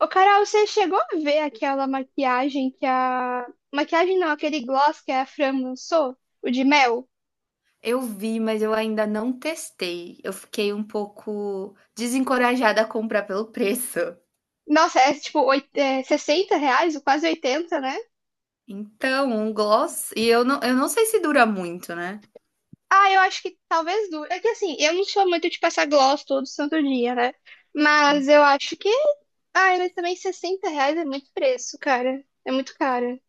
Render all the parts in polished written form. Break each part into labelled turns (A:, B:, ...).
A: Ô, Carol, você chegou a ver aquela maquiagem que a. Maquiagem não, aquele gloss que a Fran lançou? O de mel?
B: Eu vi, mas eu ainda não testei. Eu fiquei um pouco desencorajada a comprar pelo preço.
A: Nossa, é tipo R$ 60, ou quase oitenta, né?
B: Então, um gloss. E eu não sei se dura muito, né?
A: Ah, eu acho que talvez dure. É que assim, eu não sou muito de passar gloss todo santo dia, né? Mas eu acho que. Ai, mas também 60 reais é muito preço, cara. É muito caro.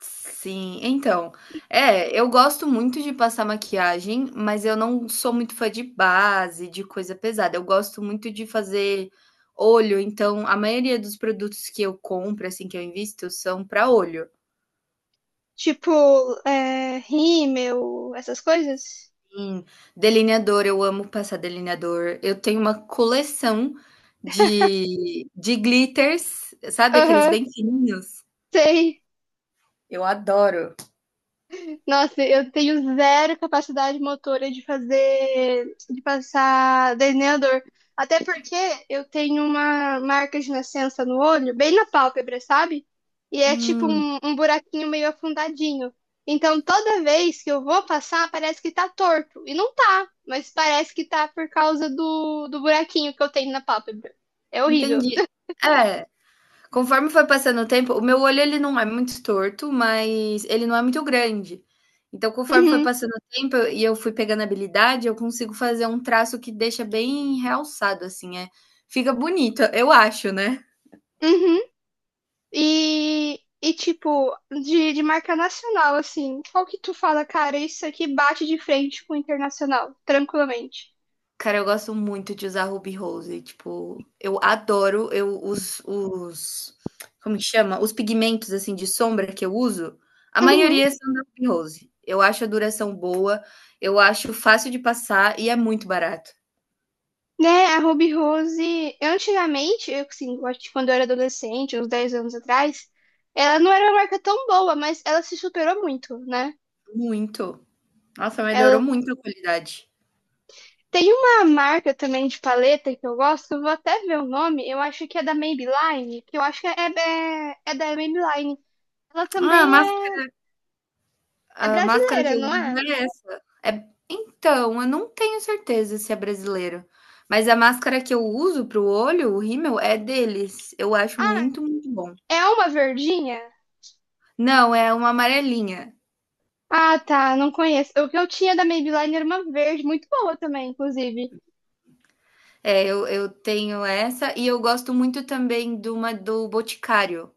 B: Sim, então. É, eu gosto muito de passar maquiagem, mas eu não sou muito fã de base, de coisa pesada. Eu gosto muito de fazer olho, então a maioria dos produtos que eu compro, assim, que eu invisto, são para olho.
A: Tipo, é, rímel, essas coisas?
B: Sim, delineador, eu amo passar delineador. Eu tenho uma coleção de glitters, sabe aqueles
A: Aham,
B: bem fininhos?
A: sei.
B: Eu adoro.
A: Nossa, eu tenho zero capacidade motora de fazer, de passar delineador. Até porque eu tenho uma marca de nascença no olho, bem na pálpebra, sabe? E é tipo
B: Hum,
A: um buraquinho meio afundadinho. Então toda vez que eu vou passar, parece que tá torto. E não tá, mas parece que tá por causa do buraquinho que eu tenho na pálpebra. É horrível.
B: entendi. É, conforme foi passando o tempo, o meu olho ele não é muito torto, mas ele não é muito grande. Então, conforme foi
A: Uhum,
B: passando o tempo e eu fui pegando habilidade, eu consigo fazer um traço que deixa bem realçado, assim, fica bonito, eu acho, né?
A: uhum. E, e tipo, de marca nacional, assim, qual que tu fala, cara, isso aqui bate de frente com o internacional, tranquilamente.
B: Cara, eu gosto muito de usar Ruby Rose, tipo, eu adoro, eu os como que chama? Os pigmentos, assim, de sombra que eu uso, a
A: Uhum.
B: maioria são da Ruby Rose. Eu acho a duração boa, eu acho fácil de passar e é muito barato,
A: Né, a Ruby Rose, antigamente, eu, assim, eu acho que quando eu era adolescente, uns 10 anos atrás, ela não era uma marca tão boa, mas ela se superou muito, né?
B: muito. Nossa, melhorou
A: Ela
B: muito a qualidade.
A: tem uma marca também de paleta que eu gosto, eu vou até ver o nome, eu acho que é da Maybelline, que eu acho que é da Maybelline. Ela
B: Ah,
A: também é, é
B: a máscara que
A: brasileira,
B: eu
A: não
B: uso
A: é?
B: é essa. Então, eu não tenho certeza se é brasileiro, mas a máscara que eu uso para o olho, o rímel, é deles. Eu acho muito, muito bom.
A: É uma verdinha?
B: Não, é uma amarelinha.
A: Ah, tá, não conheço. O que eu tinha da Maybelline era uma verde, muito boa também, inclusive.
B: É, eu tenho essa e eu gosto muito também de uma do Boticário,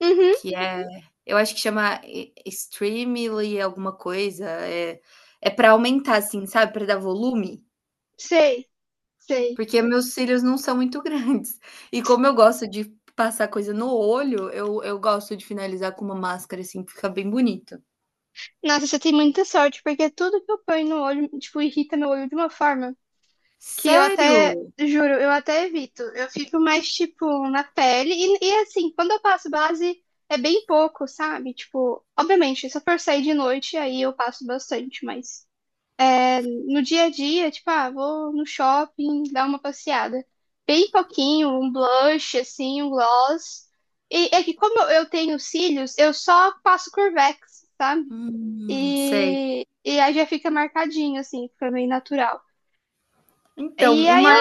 A: Uhum,
B: que é eu acho que chama e Streamly alguma coisa, é para aumentar, assim, sabe, para dar volume,
A: sei, sei.
B: porque meus cílios não são muito grandes. E como eu gosto de passar coisa no olho, eu gosto de finalizar com uma máscara, assim, que fica bem bonito.
A: Nossa, você tem muita sorte, porque tudo que eu ponho no olho, tipo, irrita meu olho de uma forma que eu até,
B: Sério?
A: juro, eu até evito. Eu fico mais, tipo, na pele. E assim, quando eu passo base, é bem pouco, sabe? Tipo, obviamente, se eu for sair de noite, aí eu passo bastante, mas no dia a dia, tipo, ah, vou no shopping dar uma passeada. Bem pouquinho, um blush, assim, um gloss. E é que como eu tenho cílios, eu só passo Curvex, sabe?
B: Sei.
A: E aí já fica marcadinho, assim, fica meio natural.
B: Então,
A: E aí
B: uma
A: eu.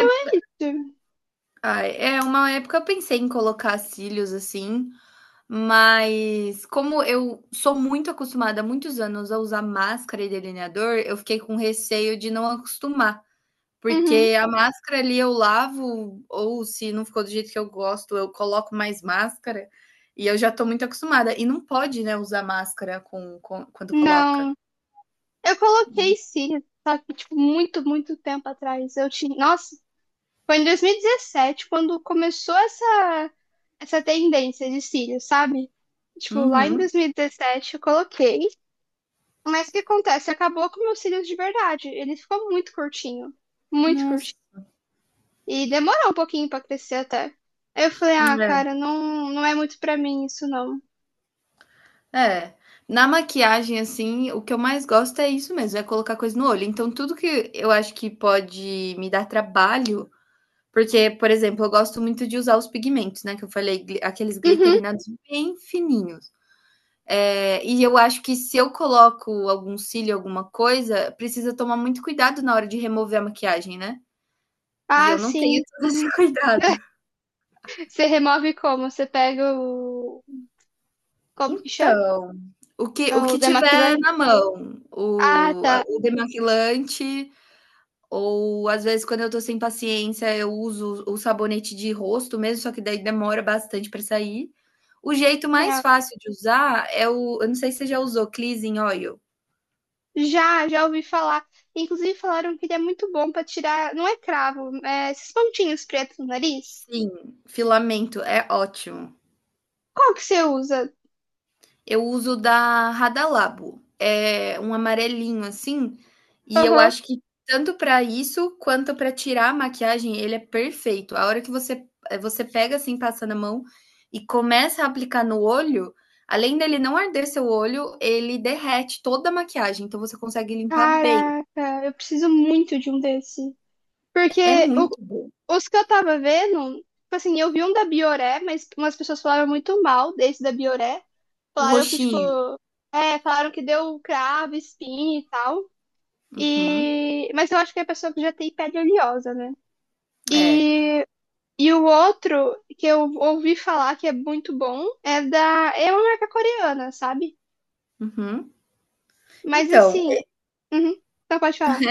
B: Ah, uma época eu pensei em colocar cílios assim, mas como eu sou muito acostumada há muitos anos a usar máscara e delineador, eu fiquei com receio de não acostumar.
A: Uhum.
B: Porque a máscara ali eu lavo, ou se não ficou do jeito que eu gosto, eu coloco mais máscara, e eu já tô muito acostumada. E não pode, né, usar máscara com quando coloca.
A: Não. Eu coloquei cílios, só que, tipo, muito, muito tempo atrás. Eu tinha. Nossa. Foi em 2017 quando começou essa, essa tendência de cílios, sabe? Tipo, lá em
B: Uhum.
A: 2017 eu coloquei, mas o que acontece? Acabou com meus cílios de verdade. Ele ficou muito curtinho, muito
B: Nossa.
A: curtinho. E demorou um pouquinho pra crescer até. Aí eu falei, ah,
B: É.
A: cara, não, não é muito pra mim isso não.
B: É. Na maquiagem, assim, o que eu mais gosto é isso mesmo, é colocar coisa no olho. Então, tudo que eu acho que pode me dar trabalho porque, por exemplo, eu gosto muito de usar os pigmentos, né, que eu falei, gli aqueles
A: Uhum.
B: glicerinados bem fininhos. E eu acho que se eu coloco algum cílio, alguma coisa, precisa tomar muito cuidado na hora de remover a maquiagem, né. E
A: Ah,
B: eu não tenho
A: sim.
B: todo esse
A: Uhum.
B: cuidado.
A: Você remove como? Você pega o. Como que chama?
B: Então, o que o
A: O
B: que tiver
A: demaquilante?
B: na mão,
A: Ah,
B: o a
A: tá.
B: o demaquilante. Ou às vezes, quando eu tô sem paciência, eu uso o sabonete de rosto mesmo, só que daí demora bastante para sair. O jeito mais
A: É.
B: fácil de usar é o eu não sei se você já usou Cleansing Oil.
A: Já, já ouvi falar. Inclusive falaram que ele é muito bom pra tirar, não é cravo, é esses pontinhos pretos no nariz.
B: Sim, filamento, é ótimo.
A: Qual que você usa?
B: Eu uso da Radalabo, é um amarelinho assim, e eu
A: Aham.
B: acho que tanto para isso quanto para tirar a maquiagem ele é perfeito. A hora que você pega assim, passa na mão e começa a aplicar no olho, além dele não arder seu olho, ele derrete toda a maquiagem, então você consegue limpar bem.
A: Caraca, eu preciso muito de um desse. Porque
B: É
A: o-
B: muito bom.
A: os que eu tava vendo, tipo assim, eu vi um da Bioré, mas umas pessoas falaram muito mal desse da Bioré.
B: O
A: Falaram que, tipo,
B: roxinho.
A: é, falaram que deu cravo, espinha e tal.
B: Uhum.
A: E... Mas eu acho que é a pessoa que já tem pele oleosa, né?
B: É.
A: E e o outro que eu ouvi falar que é muito bom é da. É uma marca coreana, sabe?
B: Uhum.
A: Mas
B: Então,
A: assim. Uhum, não pode falar.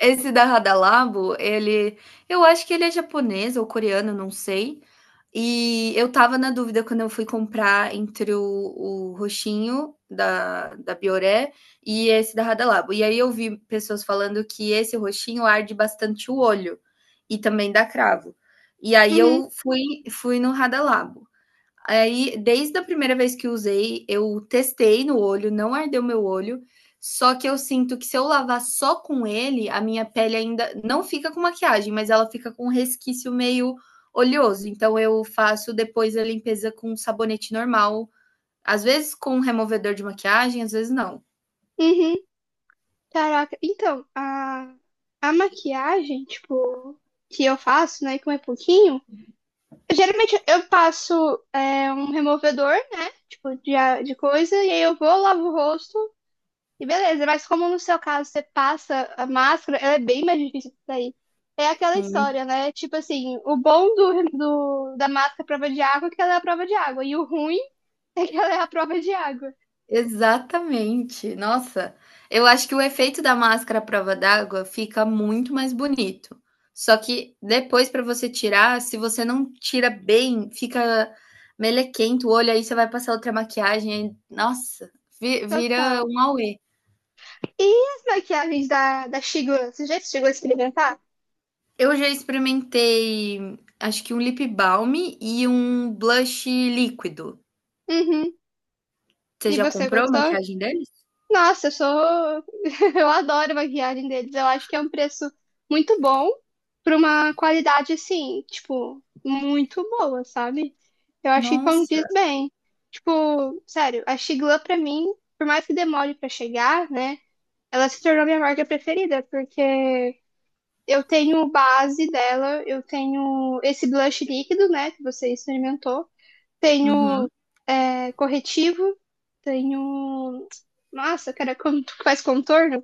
B: esse da Radalabo, ele eu acho que ele é japonês ou coreano, não sei. E eu estava na dúvida quando eu fui comprar entre o roxinho da Bioré e esse da Radalabo. E aí eu vi pessoas falando que esse roxinho arde bastante o olho e também dá cravo. E aí
A: Uhum,
B: eu fui no Radalabo. Aí, desde a primeira vez que usei, eu testei no olho, não ardeu meu olho. Só que eu sinto que se eu lavar só com ele, a minha pele ainda não fica com maquiagem, mas ela fica com um resquício meio oleoso. Então eu faço depois a limpeza com sabonete normal, às vezes com um removedor de maquiagem, às vezes não.
A: uhum, caraca. Então, a maquiagem, tipo, que eu faço, né, com é pouquinho. Geralmente eu passo é, um removedor, né? Tipo, de, a- de coisa, e aí eu vou, lavo o rosto. E beleza, mas como no seu caso você passa a máscara, ela é bem mais difícil de sair. É aquela
B: Não.
A: história, né? Tipo assim, o bom da máscara prova de água é que ela é a prova de água. E o ruim é que ela é a prova de água.
B: Exatamente. Nossa, eu acho que o efeito da máscara à prova d'água fica muito mais bonito. Só que depois para você tirar, se você não tira bem, fica melequento o olho, aí você vai passar outra maquiagem, aí nossa, vi vira
A: Total.
B: um auê.
A: E as maquiagens da Shigula? Você já chegou a experimentar?
B: Eu já experimentei, acho que um lip balm e um blush líquido.
A: Uhum.
B: Você
A: E
B: já
A: você
B: comprou a
A: gostou?
B: maquiagem deles?
A: Nossa, eu sou. Eu adoro a maquiagem deles. Eu acho que é um preço muito bom para uma qualidade assim, tipo, muito boa, sabe? Eu acho que
B: Nossa.
A: condiz bem. Tipo, sério, a Sigla pra mim, por mais que demore pra chegar, né? Ela se tornou minha marca preferida, porque eu tenho base dela, eu tenho esse blush líquido, né, que você experimentou,
B: Uhum.
A: tenho é, corretivo, tenho. Nossa, cara, como tu faz contorno?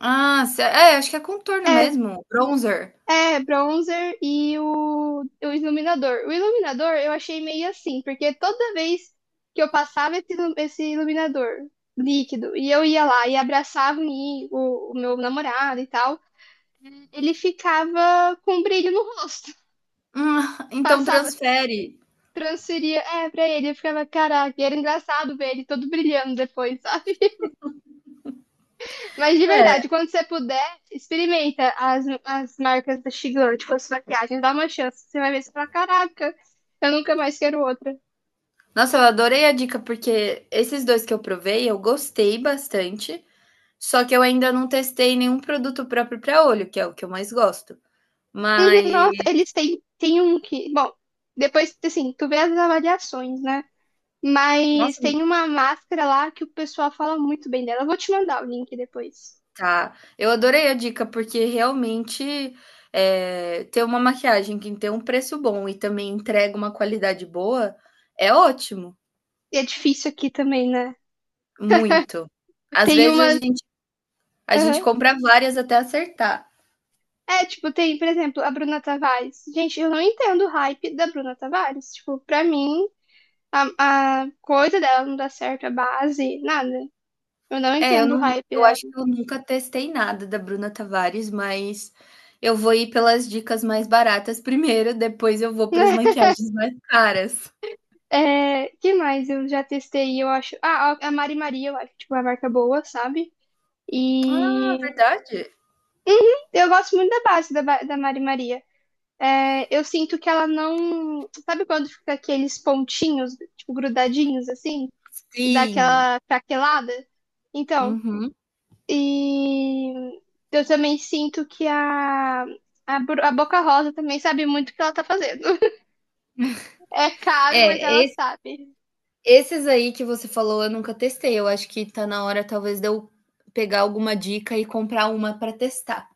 B: Ah, se é, acho que é contorno mesmo, bronzer.
A: É, bronzer e o iluminador. O iluminador eu achei meio assim, porque toda vez que eu passava esse iluminador líquido e eu ia lá e abraçava o meu namorado e tal, ele ficava com um brilho no rosto.
B: Ah, então
A: Passava,
B: transfere.
A: transferia, é, pra ele, eu ficava, caraca, e era engraçado ver ele todo brilhando depois, sabe? Mas de verdade, quando você puder, experimenta as marcas da Shigan, tipo as maquiagens, dá uma chance. Você vai ver se fala, caraca, eu nunca mais quero outra.
B: Nossa, eu adorei a dica, porque esses dois que eu provei, eu gostei bastante, só que eu ainda não testei nenhum produto próprio para olho, que é o que eu mais gosto.
A: Uhum.
B: Mas,
A: Nossa, eles têm um que. Bom, depois, assim, tu vê as avaliações, né? Mas
B: nossa,
A: tem uma máscara lá que o pessoal fala muito bem dela. Eu vou te mandar o link depois.
B: tá. Eu adorei a dica, porque realmente ter uma maquiagem que tem um preço bom e também entrega uma qualidade boa é ótimo,
A: E é difícil aqui também, né?
B: muito. Às
A: Tem
B: vezes a
A: uma.
B: gente, a gente
A: Aham.
B: compra várias até acertar.
A: É, tipo, tem, por exemplo, a Bruna Tavares. Gente, eu não entendo o hype da Bruna Tavares. Tipo, pra mim. A, a coisa dela não dá certo, a base, nada. Eu não
B: É,
A: entendo o hype
B: eu
A: dela.
B: acho que eu nunca testei nada da Bruna Tavares, mas eu vou ir pelas dicas mais baratas primeiro, depois eu vou para as maquiagens mais caras.
A: É, que mais eu já testei, eu acho. Ah, a Mari Maria, eu acho, tipo, uma marca boa, sabe?
B: Ah,
A: E.
B: verdade?
A: Uhum, eu gosto muito da base da Mari Maria. É, eu sinto que ela não. Sabe quando fica aqueles pontinhos, tipo, grudadinhos, assim? Dá
B: Sim.
A: aquela craquelada? Então.
B: Uhum.
A: E eu também sinto que a Boca Rosa também sabe muito o que ela tá fazendo. É caro, mas
B: É,
A: ela
B: es
A: sabe.
B: esses aí que você falou eu nunca testei, eu acho que tá na hora talvez de eu pegar alguma dica e comprar uma para testar.